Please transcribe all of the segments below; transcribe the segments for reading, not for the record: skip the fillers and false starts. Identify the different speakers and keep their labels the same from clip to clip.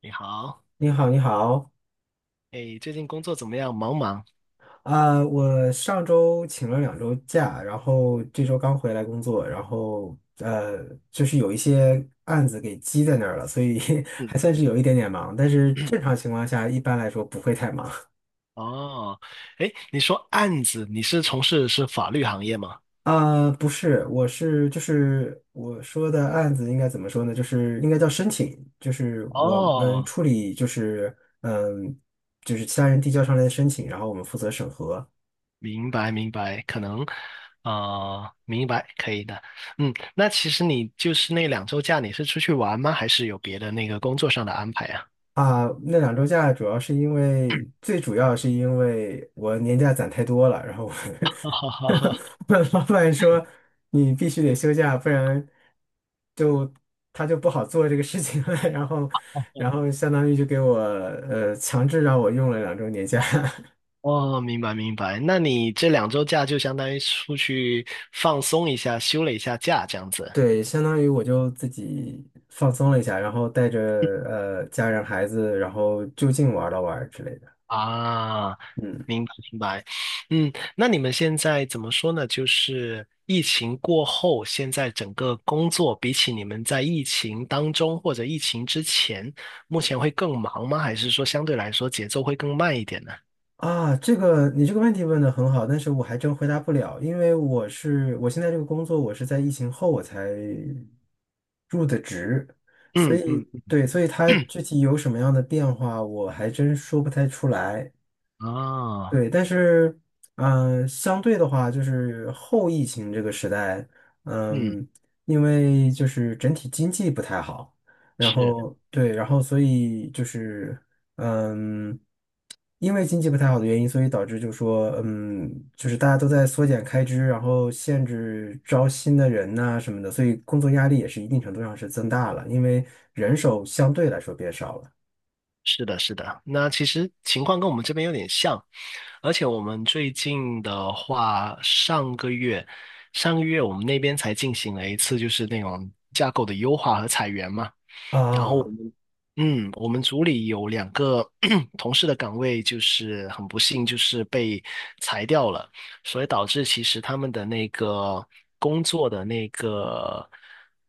Speaker 1: 你好。
Speaker 2: 你好，你好。
Speaker 1: 哎，最近工作怎么样？忙不忙？
Speaker 2: 我上周请了两周假，然后这周刚回来工作，就是有一些案子给积在那儿了，所以 还
Speaker 1: 嗯。
Speaker 2: 算是有一点点忙，但是正常情况下一般来说不会太忙。
Speaker 1: 哦。哎，你说案子，你是从事是法律行业吗？
Speaker 2: 不是，就是我说的案子应该怎么说呢？就是应该叫申请，就是我们
Speaker 1: 哦，
Speaker 2: 处理嗯，就是其他人递交上来的申请，然后我们负责审核。
Speaker 1: 明白明白。可能，明白，可以的。嗯，那其实你就是那两周假，你是出去玩吗？还是有别的那个工作上的安排啊？
Speaker 2: 啊，那两周假主要是因为，最主要是因为我年假攒太多了，然后我
Speaker 1: 哈哈 哈哈。
Speaker 2: 我老板说你必须得休假，不然就他就不好做这个事情了。然后，然后相当于就给我强制让我用了两周年假。
Speaker 1: 哦，明白明白。那你这两周假就相当于出去放松一下，休了一下假，这样 子。
Speaker 2: 对，相当于我就自己放松了一下，然后带着家人孩子，然后就近玩了玩之类的。
Speaker 1: 啊，
Speaker 2: 嗯。
Speaker 1: 明白明白。嗯，那你们现在怎么说呢？就是疫情过后，现在整个工作比起你们在疫情当中或者疫情之前，目前会更忙吗？还是说相对来说节奏会更慢一点呢？
Speaker 2: 啊，这个你这个问题问的很好，但是我还真回答不了，因为我现在这个工作，我是在疫情后我才入的职。
Speaker 1: 嗯嗯。
Speaker 2: 对，所以它具体有什么样的变化，我还真说不太出来。
Speaker 1: 啊。
Speaker 2: 对，但是，相对的话，就是后疫情这个时代。
Speaker 1: 嗯。
Speaker 2: 嗯，因为就是整体经济不太好，然
Speaker 1: 是。
Speaker 2: 后对，然后所以就是，嗯，因为经济不太好的原因，所以导致就说，嗯，就是大家都在缩减开支，然后限制招新的人呐、什么的，所以工作压力也是一定程度上是增大了，因为人手相对来说变少了。
Speaker 1: 是的，是的。那其实情况跟我们这边有点像，而且我们最近的话，上个月，上个月我们那边才进行了一次就是那种架构的优化和裁员嘛。然后我
Speaker 2: 啊，
Speaker 1: 们，嗯，我们组里有两个 同事的岗位，就是很不幸，就是被裁掉了，所以导致其实他们的那个工作的那个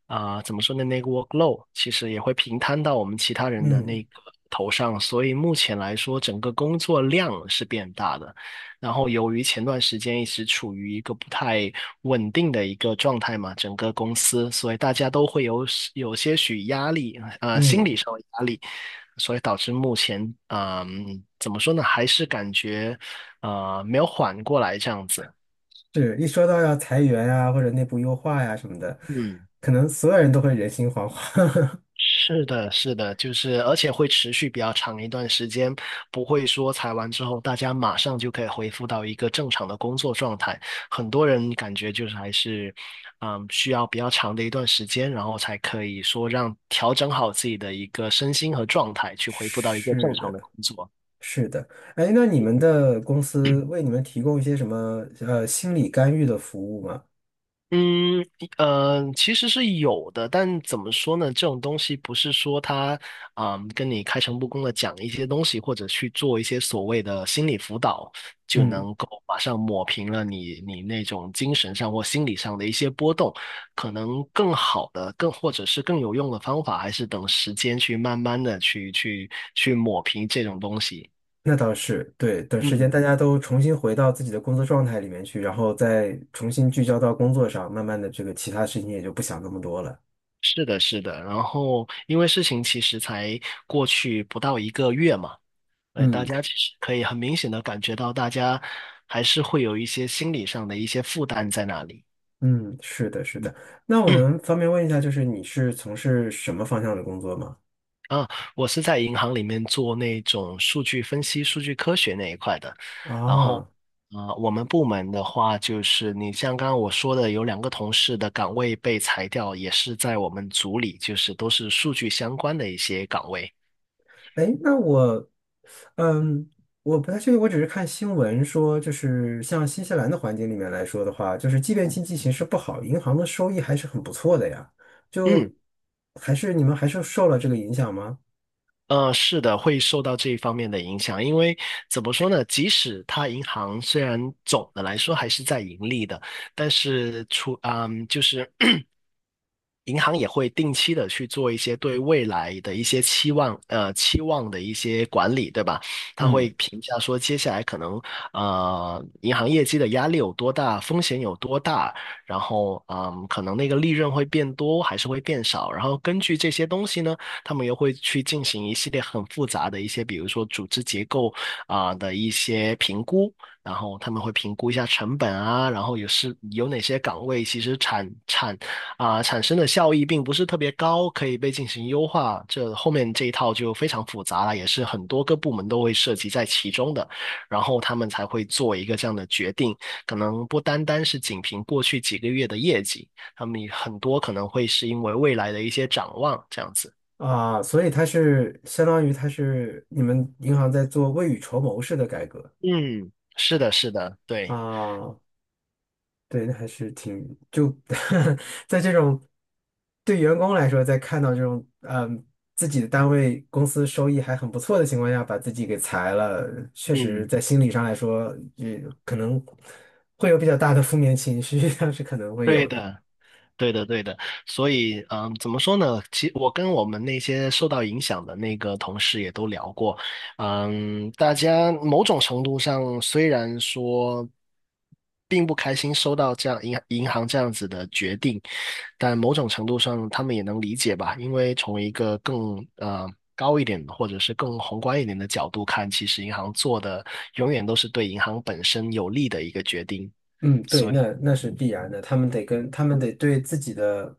Speaker 1: 怎么说呢，那个 workload 其实也会平摊到我们其他人的
Speaker 2: 嗯
Speaker 1: 那个头上，所以目前来说，整个工作量是变大的。然后由于前段时间一直处于一个不太稳定的一个状态嘛，整个公司，所以大家都会有些许压力，心理
Speaker 2: 嗯。
Speaker 1: 上的压力，所以导致目前，怎么说呢，还是感觉没有缓过来这样子。
Speaker 2: 是一说到要裁员啊，或者内部优化呀、什么的，
Speaker 1: 嗯。
Speaker 2: 可能所有人都会人心惶惶。
Speaker 1: 是的，是的，就是而且会持续比较长一段时间，不会说裁完之后大家马上就可以恢复到一个正常的工作状态。很多人感觉就是还是，嗯，需要比较长的一段时间，然后才可以说让调整好自己的一个身心和状态，去恢复到一个正
Speaker 2: 是
Speaker 1: 常的
Speaker 2: 的，
Speaker 1: 工作。
Speaker 2: 是的。哎，那你们的公司为你们提供一些什么心理干预的服务吗？
Speaker 1: 嗯，其实是有的，但怎么说呢？这种东西不是说他，嗯，跟你开诚布公的讲一些东西，或者去做一些所谓的心理辅导，就
Speaker 2: 嗯，
Speaker 1: 能够马上抹平了你那种精神上或心理上的一些波动。可能更好的、更或者是更有用的方法，还是等时间去慢慢的去抹平这种东西。
Speaker 2: 那倒是，对。等时间大
Speaker 1: 嗯，
Speaker 2: 家都重新回到自己的工作状态里面去，然后再重新聚焦到工作上，慢慢的这个其他事情也就不想那么多了。
Speaker 1: 是的，是的。然后，因为事情其实才过去不到一个月嘛。对，大
Speaker 2: 嗯
Speaker 1: 家其实可以很明显的感觉到，大家还是会有一些心理上的一些负担在那里。
Speaker 2: 嗯，是的，是
Speaker 1: 嗯。
Speaker 2: 的。那我能方便问一下，就是你是从事什么方向的工作吗？
Speaker 1: 啊，我是在银行里面做那种数据分析、数据科学那一块的。然后，
Speaker 2: 啊。
Speaker 1: 啊，我们部门的话，就是你像刚刚我说的，有两个同事的岗位被裁掉，也是在我们组里，就是都是数据相关的一些岗位。
Speaker 2: 哎，那我，嗯，我不太确定，我只是看新闻说，就是像新西兰的环境里面来说的话，就是即便经济形势不好，银行的收益还是很不错的呀。
Speaker 1: 嗯。
Speaker 2: 就还是你们还是受了这个影响吗？
Speaker 1: 是的，会受到这一方面的影响，因为怎么说呢？即使它银行虽然总的来说还是在盈利的，但是就是 银行也会定期的去做一些对未来的一些期望，期望的一些管理，对吧？他会
Speaker 2: 嗯，
Speaker 1: 评价说接下来可能银行业绩的压力有多大，风险有多大，然后嗯，可能那个利润会变多还是会变少，然后根据这些东西呢。他们又会去进行一系列很复杂的一些，比如说组织结构的一些评估，然后他们会评估一下成本啊，然后也是有哪些岗位其实产生的效益并不是特别高，可以被进行优化。这后面这一套就非常复杂了，也是很多个部门都会涉及在其中的，然后他们才会做一个这样的决定，可能不单单是仅凭过去几个月的业绩。他们很多可能会是因为未来的一些展望这样子。
Speaker 2: 啊，所以它是相当于它是你们银行在做未雨绸缪式的改革
Speaker 1: 嗯，是的，是的，对。
Speaker 2: 啊。对，那还是挺就 在这种对员工来说，在看到这种自己的单位公司收益还很不错的情况下，把自己给裁了，确实
Speaker 1: 嗯，
Speaker 2: 在心理上来说，也可能会有比较大的负面情绪，但是可能会有
Speaker 1: 对
Speaker 2: 的。
Speaker 1: 的。对的，对的，所以，嗯，怎么说呢？我跟我们那些受到影响的那个同事也都聊过，嗯，大家某种程度上虽然说并不开心收到这样银行这样子的决定，但某种程度上他们也能理解吧，因为从一个更高一点的或者是更宏观一点的角度看，其实银行做的永远都是对银行本身有利的一个决定，
Speaker 2: 嗯，对，
Speaker 1: 所
Speaker 2: 那
Speaker 1: 以。
Speaker 2: 那是必然的，他们得对自己的，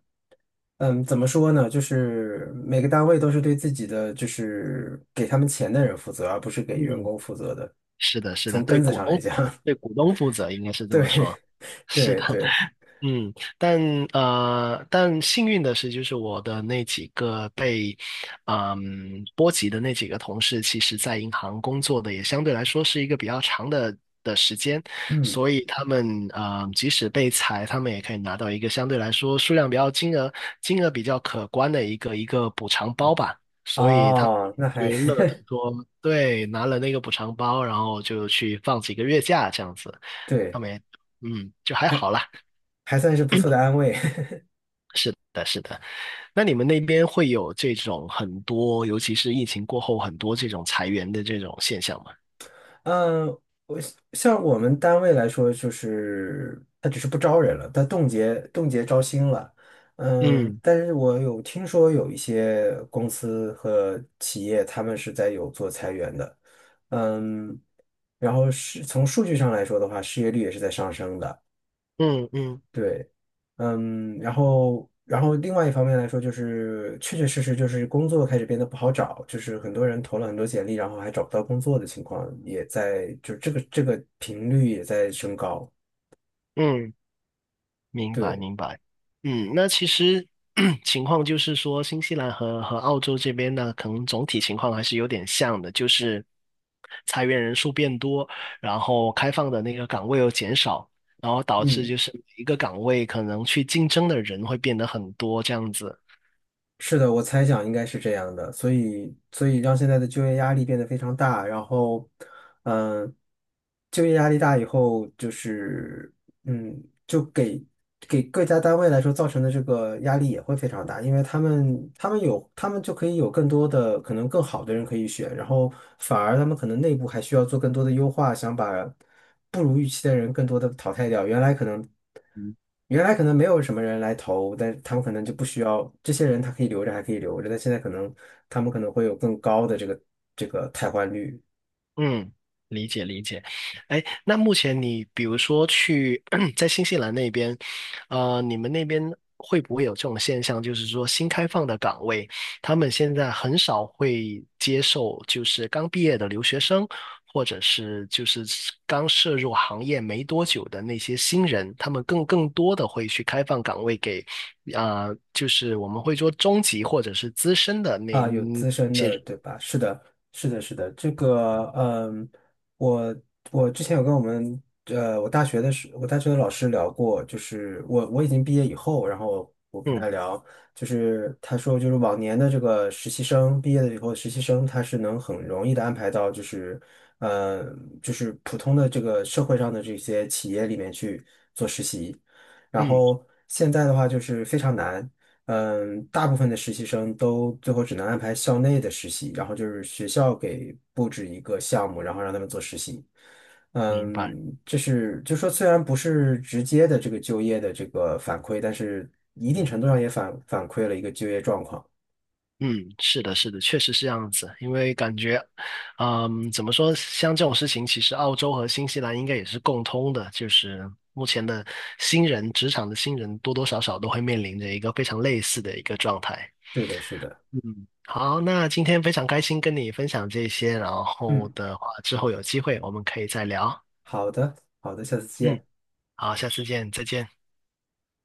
Speaker 2: 嗯，怎么说呢？就是每个单位都是对自己的，就是给他们钱的人负责，而不是给员
Speaker 1: 嗯。
Speaker 2: 工负责的。
Speaker 1: 是的，是的，
Speaker 2: 从
Speaker 1: 对
Speaker 2: 根子
Speaker 1: 股
Speaker 2: 上来
Speaker 1: 东，
Speaker 2: 讲，
Speaker 1: 对股东负责，应该是 这
Speaker 2: 对
Speaker 1: 么说。是
Speaker 2: 对
Speaker 1: 的。
Speaker 2: 对。
Speaker 1: 嗯，但幸运的是，就是我的那几个被波及的那几个同事，其实在银行工作的也相对来说是一个比较长的时间，
Speaker 2: 嗯，
Speaker 1: 所以他们即使被裁，他们也可以拿到一个相对来说数量比较金额比较可观的一个补偿包吧，所以他们
Speaker 2: 哦，那
Speaker 1: 就
Speaker 2: 还
Speaker 1: 乐得说，对，拿了那个补偿包，然后就去放几个月假这样子，他
Speaker 2: 对，
Speaker 1: 们也嗯就还
Speaker 2: 还
Speaker 1: 好啦，
Speaker 2: 还算是不错的安慰。
Speaker 1: 但是的。那你们那边会有这种很多，尤其是疫情过后很多这种裁员的这种现象吗？
Speaker 2: 嗯，像我们单位来说，就是他只是不招人了，他冻结招新了。嗯，
Speaker 1: 嗯
Speaker 2: 但是我有听说有一些公司和企业，他们是在有做裁员的。嗯，然后是从数据上来说的话，失业率也是在上升的。
Speaker 1: 嗯嗯
Speaker 2: 对，嗯，然后，然后另外一方面来说，就是确确实实就是工作开始变得不好找，就是很多人投了很多简历，然后还找不到工作的情况也在，就这个这个频率也在升高。
Speaker 1: 嗯，明白
Speaker 2: 对，
Speaker 1: 明白。嗯，那其实 情况就是说，新西兰和澳洲这边呢，可能总体情况还是有点像的，就是裁员人数变多，然后开放的那个岗位又减少，然后导致
Speaker 2: 嗯，
Speaker 1: 就是每一个岗位可能去竞争的人会变得很多这样子。
Speaker 2: 是的，我猜想应该是这样的，所以，所以让现在的就业压力变得非常大，然后，嗯，就业压力大以后，就是嗯，给各家单位来说造成的这个压力也会非常大，因为他们就可以有更多的可能更好的人可以选，然后反而他们可能内部还需要做更多的优化，想把不如预期的人更多的淘汰掉。原来可能没有什么人来投，但他们可能就不需要这些人，他可以留着还可以留着，但现在可能他们可能会有更高的这个汰换率。
Speaker 1: 嗯，理解理解。哎，那目前你比如说去 在新西兰那边，你们那边会不会有这种现象，就是说新开放的岗位，他们现在很少会接受就是刚毕业的留学生，或者是就是刚涉入行业没多久的那些新人，他们更多的会去开放岗位给，啊，就是我们会说中级或者是资深的那，
Speaker 2: 啊，有
Speaker 1: 嗯
Speaker 2: 资深的，对吧？是的，是的，是的。这个，嗯，我我之前有跟我们，呃，我大学的老师聊过，就是我已经毕业以后，然后我跟他聊。就是他说，就是往年的这个实习生毕业了以后，实习生他是能很容易的安排到，就是，嗯，就是普通的这个社会上的这些企业里面去。然
Speaker 1: 嗯，嗯
Speaker 2: 后现在的话就是非常难。嗯，大部分的实习生都最后只能安排校内的实习，然后就是学校给布置一个项目，然后让他们做实习。
Speaker 1: 明白。
Speaker 2: 嗯，这是就说虽然不是直接的这个就业的这个反馈，但是一定
Speaker 1: 嗯
Speaker 2: 程度上也反馈了一个就业状况。
Speaker 1: 嗯，是的，是的，确实是这样子。因为感觉，嗯，怎么说，像这种事情，其实澳洲和新西兰应该也是共通的，就是目前的新人，职场的新人多多少少都会面临着一个非常类似的一个状态。
Speaker 2: 是的，是的。
Speaker 1: 嗯，好，那今天非常开心跟你分享这些，然后
Speaker 2: 嗯，
Speaker 1: 的话，之后有机会我们可以再聊。
Speaker 2: 好的，好的，下次
Speaker 1: 嗯，
Speaker 2: 见。
Speaker 1: 好，下次见，再见。